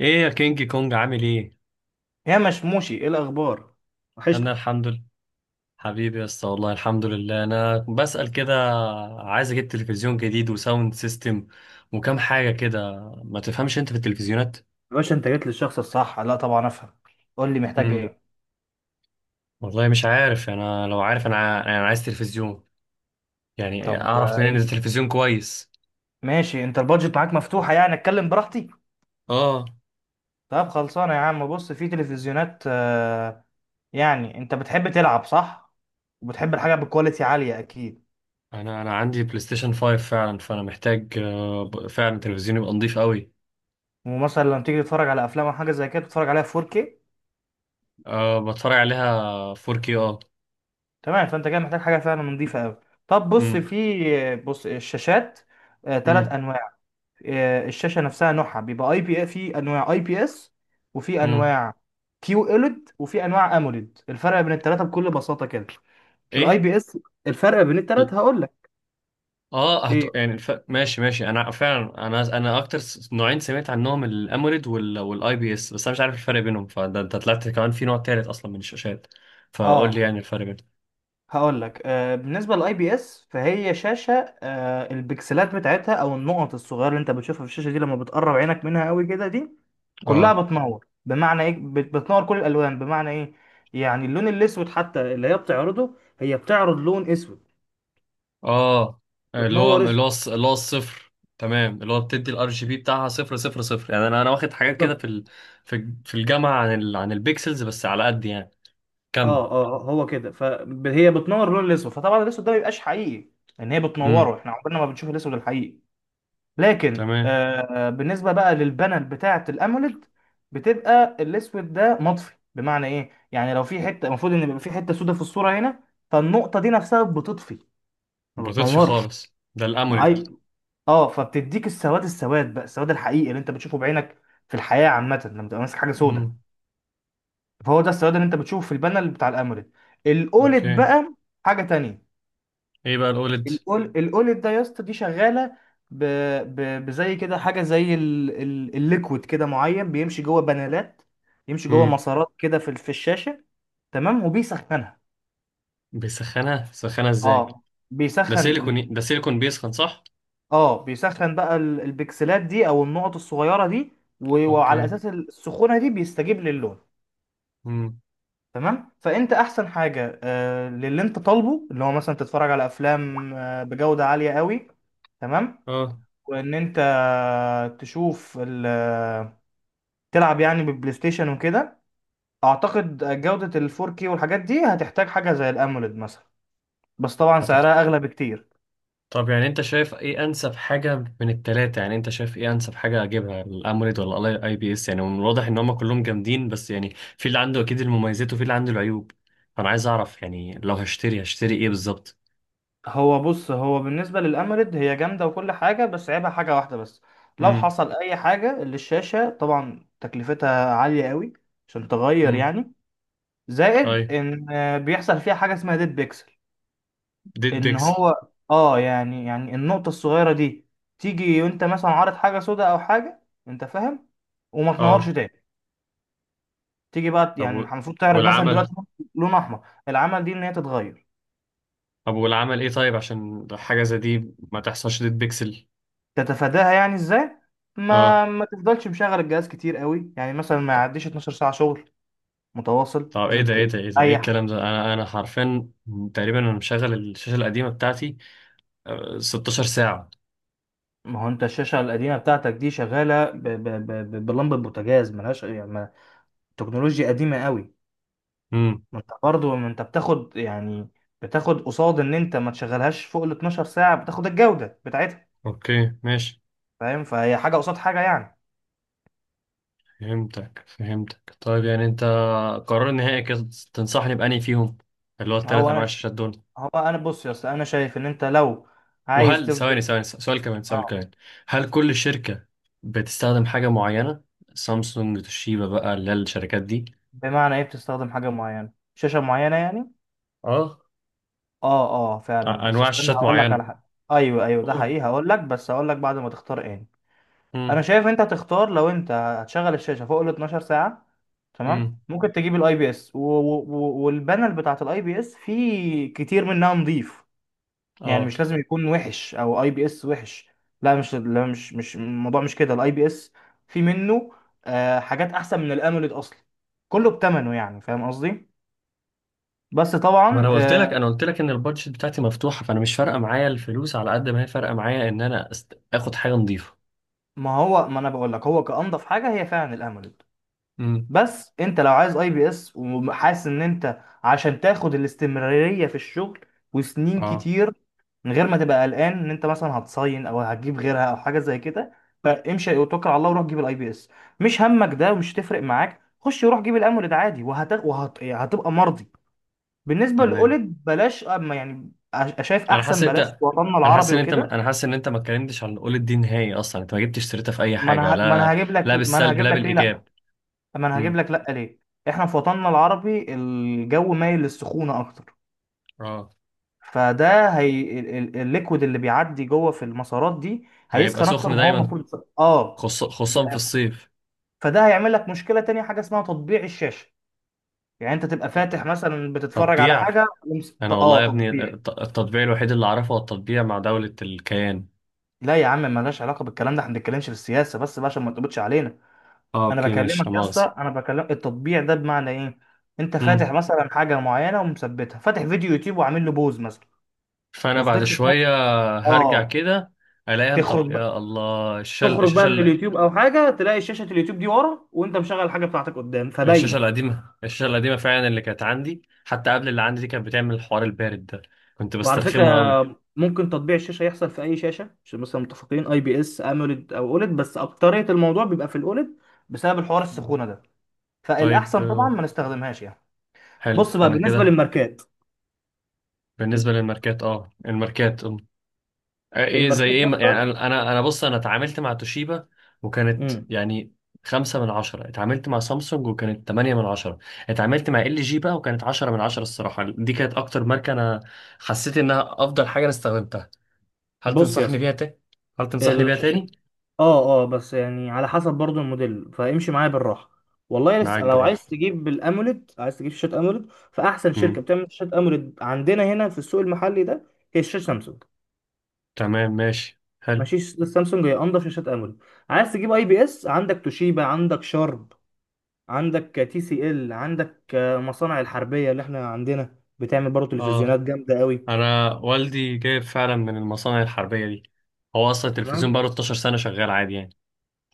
ايه يا كينج كونج، عامل ايه؟ يا مشموشي، ايه الاخبار؟ انا وحشني. الحمد لله. حبيبي يا اسطى، والله الحمد لله، انا بسأل كده. عايز اجيب تلفزيون جديد وساوند سيستم، وكم حاجة كده. ما تفهمش انت في التلفزيونات؟ يا باشا، انت جيت للشخص الصح. لا، طبعا افهم. قول لي محتاج امم ايه. والله مش عارف، انا لو عارف، انا عايز تلفزيون. يعني طب اعرف منين ان التلفزيون كويس؟ ماشي، انت البادجت معاك مفتوحه يعني؟ اتكلم براحتي. اه، طب خلصانه يا عم. بص، في تلفزيونات. يعني انت بتحب تلعب، صح؟ وبتحب الحاجه بكواليتي عاليه اكيد. انا عندي بلاي ستيشن 5 فعلا، فانا محتاج فعلا تلفزيون يبقى نضيف قوي. ومثلا لما تيجي تتفرج على افلام او حاجه زي كده تتفرج عليها 4K. أه، بتفرج عليها 4K، اه. تمام، فانت كده محتاج حاجه فعلا نظيفه قوي. طب بص، امم في آه، بص، الشاشات ثلاث امم انواع. الشاشه نفسها نوعها بيبقى اي بي، في انواع اي بي اس، وفي امم انواع كيو اولد، وفي انواع اموليد. الفرق بين الثلاثه بكل بساطه كده، الاي ايه؟ بي اس، الفرق بين الثلاثه هقول لك. ايه؟ يعني ماشي ماشي، انا فعلا، انا اكتر نوعين سمعت عنهم الاموليد والاي بي اس، بس انا مش عارف الفرق بينهم. فده انت طلعت كمان في نوع تالت اصلا من الشاشات. فقول اه، لي يعني الفرق بينهم. هقول لك. بالنسبه للاي بي اس، فهي شاشه، البكسلات بتاعتها او النقط الصغيره اللي انت بتشوفها في الشاشه دي لما بتقرب عينك منها قوي كده، دي كلها اه، بتنور. بمعنى ايه؟ بتنور كل الالوان. بمعنى ايه؟ يعني اللون الاسود حتى اللي هي بتعرضه، هي بتعرض لون اسود، اه، بتنور اسود. اللي هو الصفر. تمام، اللي هو بتدي الار جي بي بتاعها صفر صفر صفر. يعني انا واخد حاجات كده بالظبط. في الجامعه عن البيكسلز، بس على قد يعني. كمل. اه هو كده. فهي بتنور اللون الاسود، فطبعا الاسود ده ما بيبقاش حقيقي، ان هي امم بتنوره. احنا عمرنا ما بنشوف الاسود الحقيقي. لكن تمام. بالنسبه بقى للبانل بتاعه الاموليد، بتبقى الاسود ده مطفي. بمعنى ايه؟ يعني لو في حته المفروض ان يبقى في حته سودة في الصوره هنا، فالنقطه دي نفسها بتطفي، ما ما بطيتش بتنورش. خالص ده ما الاموليد. اي اه، فبتديك السواد. السواد بقى، السواد الحقيقي اللي انت بتشوفه بعينك في الحياه عامه لما تبقى ماسك حاجه سودة، امم فهو ده السواد اللي انت بتشوفه في البانل بتاع الاموليد. الاولد اوكي. بقى حاجه تانية. ايه بقى الاوليد؟ الاولد ده يا اسطى دي شغاله ب... بزي كده، حاجه زي الليكويد كده معين، بيمشي جوه بانلات، يمشي جوه مسارات كده في الشاشه، تمام، وبيسخنها. بيسخنها ازاي؟ اه، ده بيسخن ال... سيليكون ده سيليكون بيسخن، صح؟ اه بيسخن بقى البكسلات دي او النقط الصغيره دي، وعلى اوكي. اساس السخونه دي بيستجيب للون. امم تمام، فانت احسن حاجه للي انت طالبه، اللي هو مثلا تتفرج على افلام بجوده عاليه قوي، تمام، اه. وان انت تشوف ال- تلعب يعني بالبلاي ستيشن وكده، اعتقد جوده ال 4K والحاجات دي هتحتاج حاجه زي الاموليد مثلا، بس طبعا فتحت. سعرها اغلى بكتير. طب يعني انت شايف ايه انسب حاجه من التلاته؟ يعني انت شايف ايه انسب حاجه اجيبها، الاموليد ولا الاي بي اس؟ يعني من الواضح ان هم كلهم جامدين، بس يعني في اللي عنده اكيد المميزات وفي اللي عنده العيوب. فانا عايز اعرف يعني، لو هشتري ايه بالظبط. هو بص، بالنسبه للاموليد هي جامده وكل حاجه، بس عيبها حاجه واحده بس. لو امم حصل اي حاجه للشاشه طبعا تكلفتها عاليه قوي عشان تغير امم يعني. زائد ايوه، ان بيحصل فيها حاجه اسمها ديد بيكسل. ديد ان بيكسل. هو اه يعني، النقطه الصغيره دي تيجي وانت مثلا عارض حاجه سوداء او حاجه، انت فاهم، وما تنورش اه. تاني. تيجي بقى، طب يعني و- المفروض تعرض مثلا والعمل؟ دلوقتي لون احمر. العمل دي ان هي تتغير. طب والعمل ايه؟ طيب عشان حاجه زي دي ما تحصلش ديد بيكسل. تتفاداها يعني ازاي؟ اه. ما تفضلش مشغل الجهاز كتير قوي، يعني مثلا ما يعديش 12 ساعه شغل متواصل، طب ايه لازم ده ايه ده ايه ده ايه تريح. الكلام ده؟ انا حرفيا تقريبا انا مشغل الشاشه القديمه بتاعتي 16 ساعه. ما هو انت الشاشه القديمه بتاعتك دي شغاله بلمبه بوتاجاز، ملهاش يعني تكنولوجيا قديمه قوي. امم ما انت برضه، ما انت بتاخد يعني، بتاخد قصاد ان انت ما تشغلهاش فوق ال 12 ساعه، بتاخد الجوده بتاعتها. اوكي، ماشي. فاهم؟ فهي حاجه قصاد حاجه يعني. فهمتك، طيب يعني انت، قرار نهائي كده، تنصحني بأني فيهم، اللي هو الثلاث هو انواع انا ش... الشاشات دول؟ هو انا، بص يا اسطى، انا شايف ان انت لو عايز وهل، ثواني تفضل. ثواني، سؤال كمان، سؤال اه، كمان، هل كل شركه بتستخدم حاجه معينه؟ سامسونج، توشيبا بقى، اللي هي الشركات دي. بمعنى ايه بتستخدم حاجه معينه، شاشه معينه يعني؟ اه، اه اه، فعلا، بس انواع استنى شاشات هقول لك على معينه. حاجه. ايوه ايوه، ده قول. حقيقي، هقول لك، بس هقول لك بعد ما تختار. ايه؟ انا امم شايف انت تختار، لو انت هتشغل الشاشه فوق ال 12 ساعه، تمام، امم ممكن تجيب الاي بي اس، والبانل بتاعت الاي بي اس في كتير منها نظيف، يعني اه، مش لازم يكون وحش، او اي بي اس وحش، لا. مش لا مش مش الموضوع مش كده. الاي بي اس في منه حاجات احسن من الاموليد اصلا، كله بتمنه يعني، فاهم قصدي، بس ما طبعا انا قلت لك، آه، ان البادجت بتاعتي مفتوحه، فانا مش فارقه معايا الفلوس على قد ما هي فارقه معايا ان انا اخد حاجه نظيفه. ما هو ما انا بقول لك، هو كانضف حاجه هي فعلا الاموليد، امم بس انت لو عايز اي بي اس وحاسس ان انت عشان تاخد الاستمرارية في الشغل وسنين اه، كتير من غير ما تبقى قلقان ان انت مثلا هتصين او هتجيب غيرها او حاجه زي كده، فامشي وتوكل على الله وروح جيب الاي بي اس. مش همك ده، ومش هتفرق معاك، خش وروح جيب الامولد عادي، يعني هتبقى مرضي. بالنسبه تمام. للاولد بلاش، اما يعني شايف انا حاسس احسن إن انت بلاش في وطننا العربي وكده. انا حاسس ان انت ما اتكلمتش عن قول الدين نهائي اصلا، انت ما جبتش سيرتها في اي حاجه، لا. لا ما انا بالسلب، هجيب لا لك، ليه لا؟ بالايجاب. طب، ما انا هجيب امم لك لا ليه. احنا في وطننا العربي الجو مايل للسخونه اكتر، اه. فده هي الليكويد اللي بيعدي جوه في المسارات دي هيبقى هيسخن اكتر سخن ما هو دايما، المفروض يسخن. اه، خصوصا في الصيف. فده هيعمل لك مشكله تانية، حاجه اسمها تطبيع الشاشه. يعني انت تبقى فاتح مثلا بتتفرج على تطبيع؟ حاجه انا والله يا ابني، تطبيع. التطبيع الوحيد اللي اعرفه هو التطبيع مع دوله الكيان. لا يا عم، ملهاش علاقه بالكلام ده، احنا ما بنتكلمش في السياسه، بس بقى عشان ما تقبطش علينا. اه، انا اوكي، ماشي، لا بكلمك يا مؤاخذه. اسطى، انا بكلم التطبيع ده. بمعنى ايه؟ انت فاتح مثلا حاجه معينه ومثبتها، فاتح فيديو يوتيوب وعامل له بوز مثلا فانا بعد وفضلت سايق، شويه هرجع اه، كده الاقيها. طب تخرج بقى، يا الله، تخرج بقى من اليوتيوب او حاجه، تلاقي شاشه اليوتيوب دي ورا، وانت مشغل الحاجه بتاعتك قدام الشاشه فباينه. القديمه الشاشه القديمه فعلا اللي كانت عندي حتى قبل اللي عندي دي كانت بتعمل الحوار البارد ده. كنت وعلى فكره، بسترخمه قوي. ممكن تطبيع الشاشه يحصل في اي شاشه، عشان مثلا متفقين اي بي اس، اموليد او اوليد، بس اكتريه الموضوع بيبقى في الاوليد بسبب الحوار مم. السخونه ده، طيب. فالاحسن طبعا ما نستخدمهاش يعني. حلو بص بقى انا بالنسبه كده. للماركات، بالنسبه للماركات، اه الماركات ايه زي الماركات ايه؟ يعني نفسها، انا بص، انا اتعاملت مع توشيبا، وكانت امم يعني 5/10. اتعاملت مع سامسونج وكانت 8/10. اتعاملت مع ال جي بقى وكانت 10/10. الصراحة دي كانت اكتر ماركة انا حسيت انها افضل حاجة انا استخدمتها. هل بص يا تنصحني بيها تاني؟ هل تنصحني بيها اسطى، تاني؟ اه، بس يعني على حسب برضو الموديل، فامشي معايا بالراحه. والله معاك لسه، لو بالراحة. عايز تجيب الاموليد، عايز تجيب شاشات اموليد، فاحسن شركه امم بتعمل شاشات اموليد عندنا هنا في السوق المحلي ده هي شاشه سامسونج. تمام، ماشي، حلو. ماشي، سامسونج هي انضف شاشات اموليد. عايز تجيب اي بي اس، عندك توشيبا، عندك شارب، عندك تي سي ال، عندك مصانع الحربيه اللي احنا عندنا بتعمل برضو تلفزيونات اه، جامده قوي، انا والدي جايب فعلا من المصانع الحربية دي، هو اصلا التلفزيون تمام. بقاله 12 سنة شغال عادي يعني.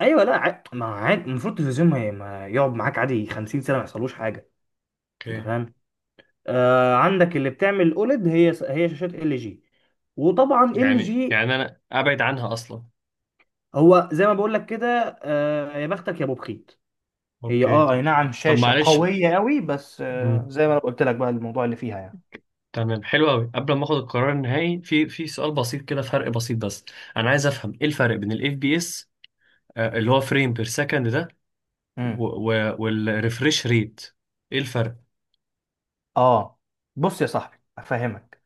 ايوه، لا، ما عاد المفروض التلفزيون ما يقعد معاك عادي 50 سنه ما يحصلوش حاجه. انت اوكي، فاهم؟ عندك اللي بتعمل اوليد، هي شاشات ال جي. وطبعا ال يعني جي يعني انا ابعد عنها اصلا. هو زي ما بقول لك كده، يا بختك يا ابو بخيت. هي، اوكي. اه، اي نعم، طب شاشه معلش. قويه قوي، بس مم. زي ما انا قلت لك بقى الموضوع اللي فيها يعني. تمام، حلو قوي. قبل ما اخد القرار النهائي، في سؤال بسيط كده، فرق بسيط بس، انا عايز افهم ايه الفرق بين الاف بي اس، اللي هو فريم بير سكند ده، امم والريفريش ريت؟ ايه الفرق؟ اه بص يا صاحبي افهمك.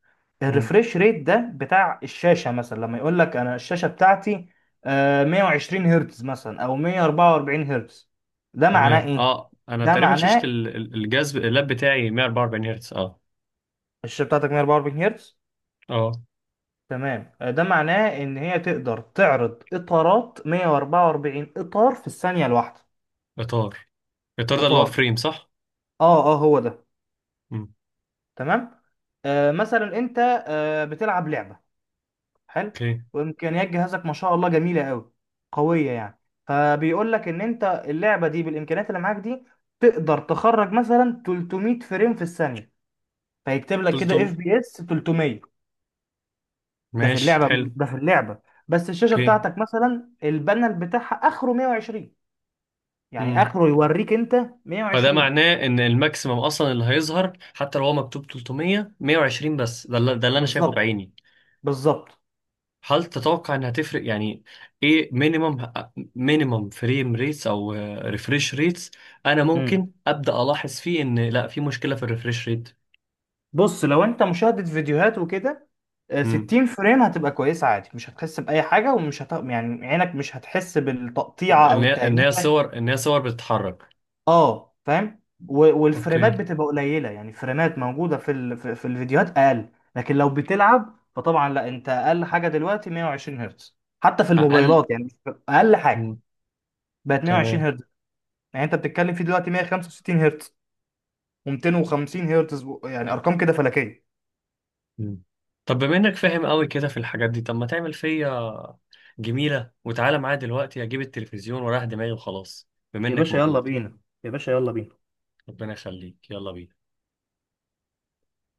مم. الريفريش ريت ده بتاع الشاشه. مثلا لما يقول لك انا الشاشه بتاعتي 120 هرتز مثلا او 144 هرتز، ده معناه تمام، ايه؟ اه، انا ده تقريبا شاشة معناه الجهاز اللاب بتاعي 144 هرتز، اه. الشاشه بتاعتك 144 هرتز، اه، تمام، ده معناه ان هي تقدر تعرض اطارات، 144 اطار في الثانيه الواحده. اطار. الاطار ده اللي هو اطار، فريم، صح؟ اه هو ده. مم. تمام، مثلا انت بتلعب لعبه، حلو، اوكي. وامكانيات جهازك ما شاء الله جميله قوي، قويه يعني، فبيقول لك ان انت اللعبه دي بالامكانيات اللي معاك دي تقدر تخرج مثلا 300 فريم في الثانيه، فيكتب لك كده اف قلتم، بي اس 300. ده في ماشي اللعبه، حلو. ده في اللعبه، بس الشاشه اوكي. بتاعتك مثلا البانل بتاعها اخره 120، يعني مم. اخره يوريك انت فده 120. معناه ان الماكسيمم اصلا اللي هيظهر، حتى لو هو مكتوب 300، 120 بس ده اللي، انا شايفه بالظبط، بعيني. بالظبط. هل تتوقع انها تفرق يعني؟ ايه؟ مينيمم، فريم ريتس او ريفريش ريتس، انا امم ممكن ابدا الاحظ فيه ان لا في مشكله في الريفريش ريت؟ بص، لو انت مشاهدة فيديوهات وكده امم 60 فريم هتبقى كويسة عادي، مش هتحس بأي حاجة، يعني عينك مش هتحس بالتقطيعة ان أو هي ان هي التهنيجة، صور ان هي صور بتتحرك. اه، فاهم، و... اوكي. والفريمات بتبقى قليلة، يعني الفريمات موجودة في في الفيديوهات أقل. لكن لو بتلعب فطبعا لا، انت أقل حاجة دلوقتي 120 هرتز، حتى في اقل. الموبايلات يعني. أقل حاجة مم. بقت 120 تمام. هرتز، يعني انت بتتكلم في دلوقتي 165 هرتز و250 هرتز، يعني ارقام كده فلكيه. مم. طب بما انك فاهم قوي كده في الحاجات دي، طب ما تعمل فيا جميلة وتعالى معايا دلوقتي اجيب التلفزيون وراح دماغي وخلاص، بما يا انك باشا يلا موجود. بينا، يا باشا يلا بينا. ربنا يخليك، يلا بينا.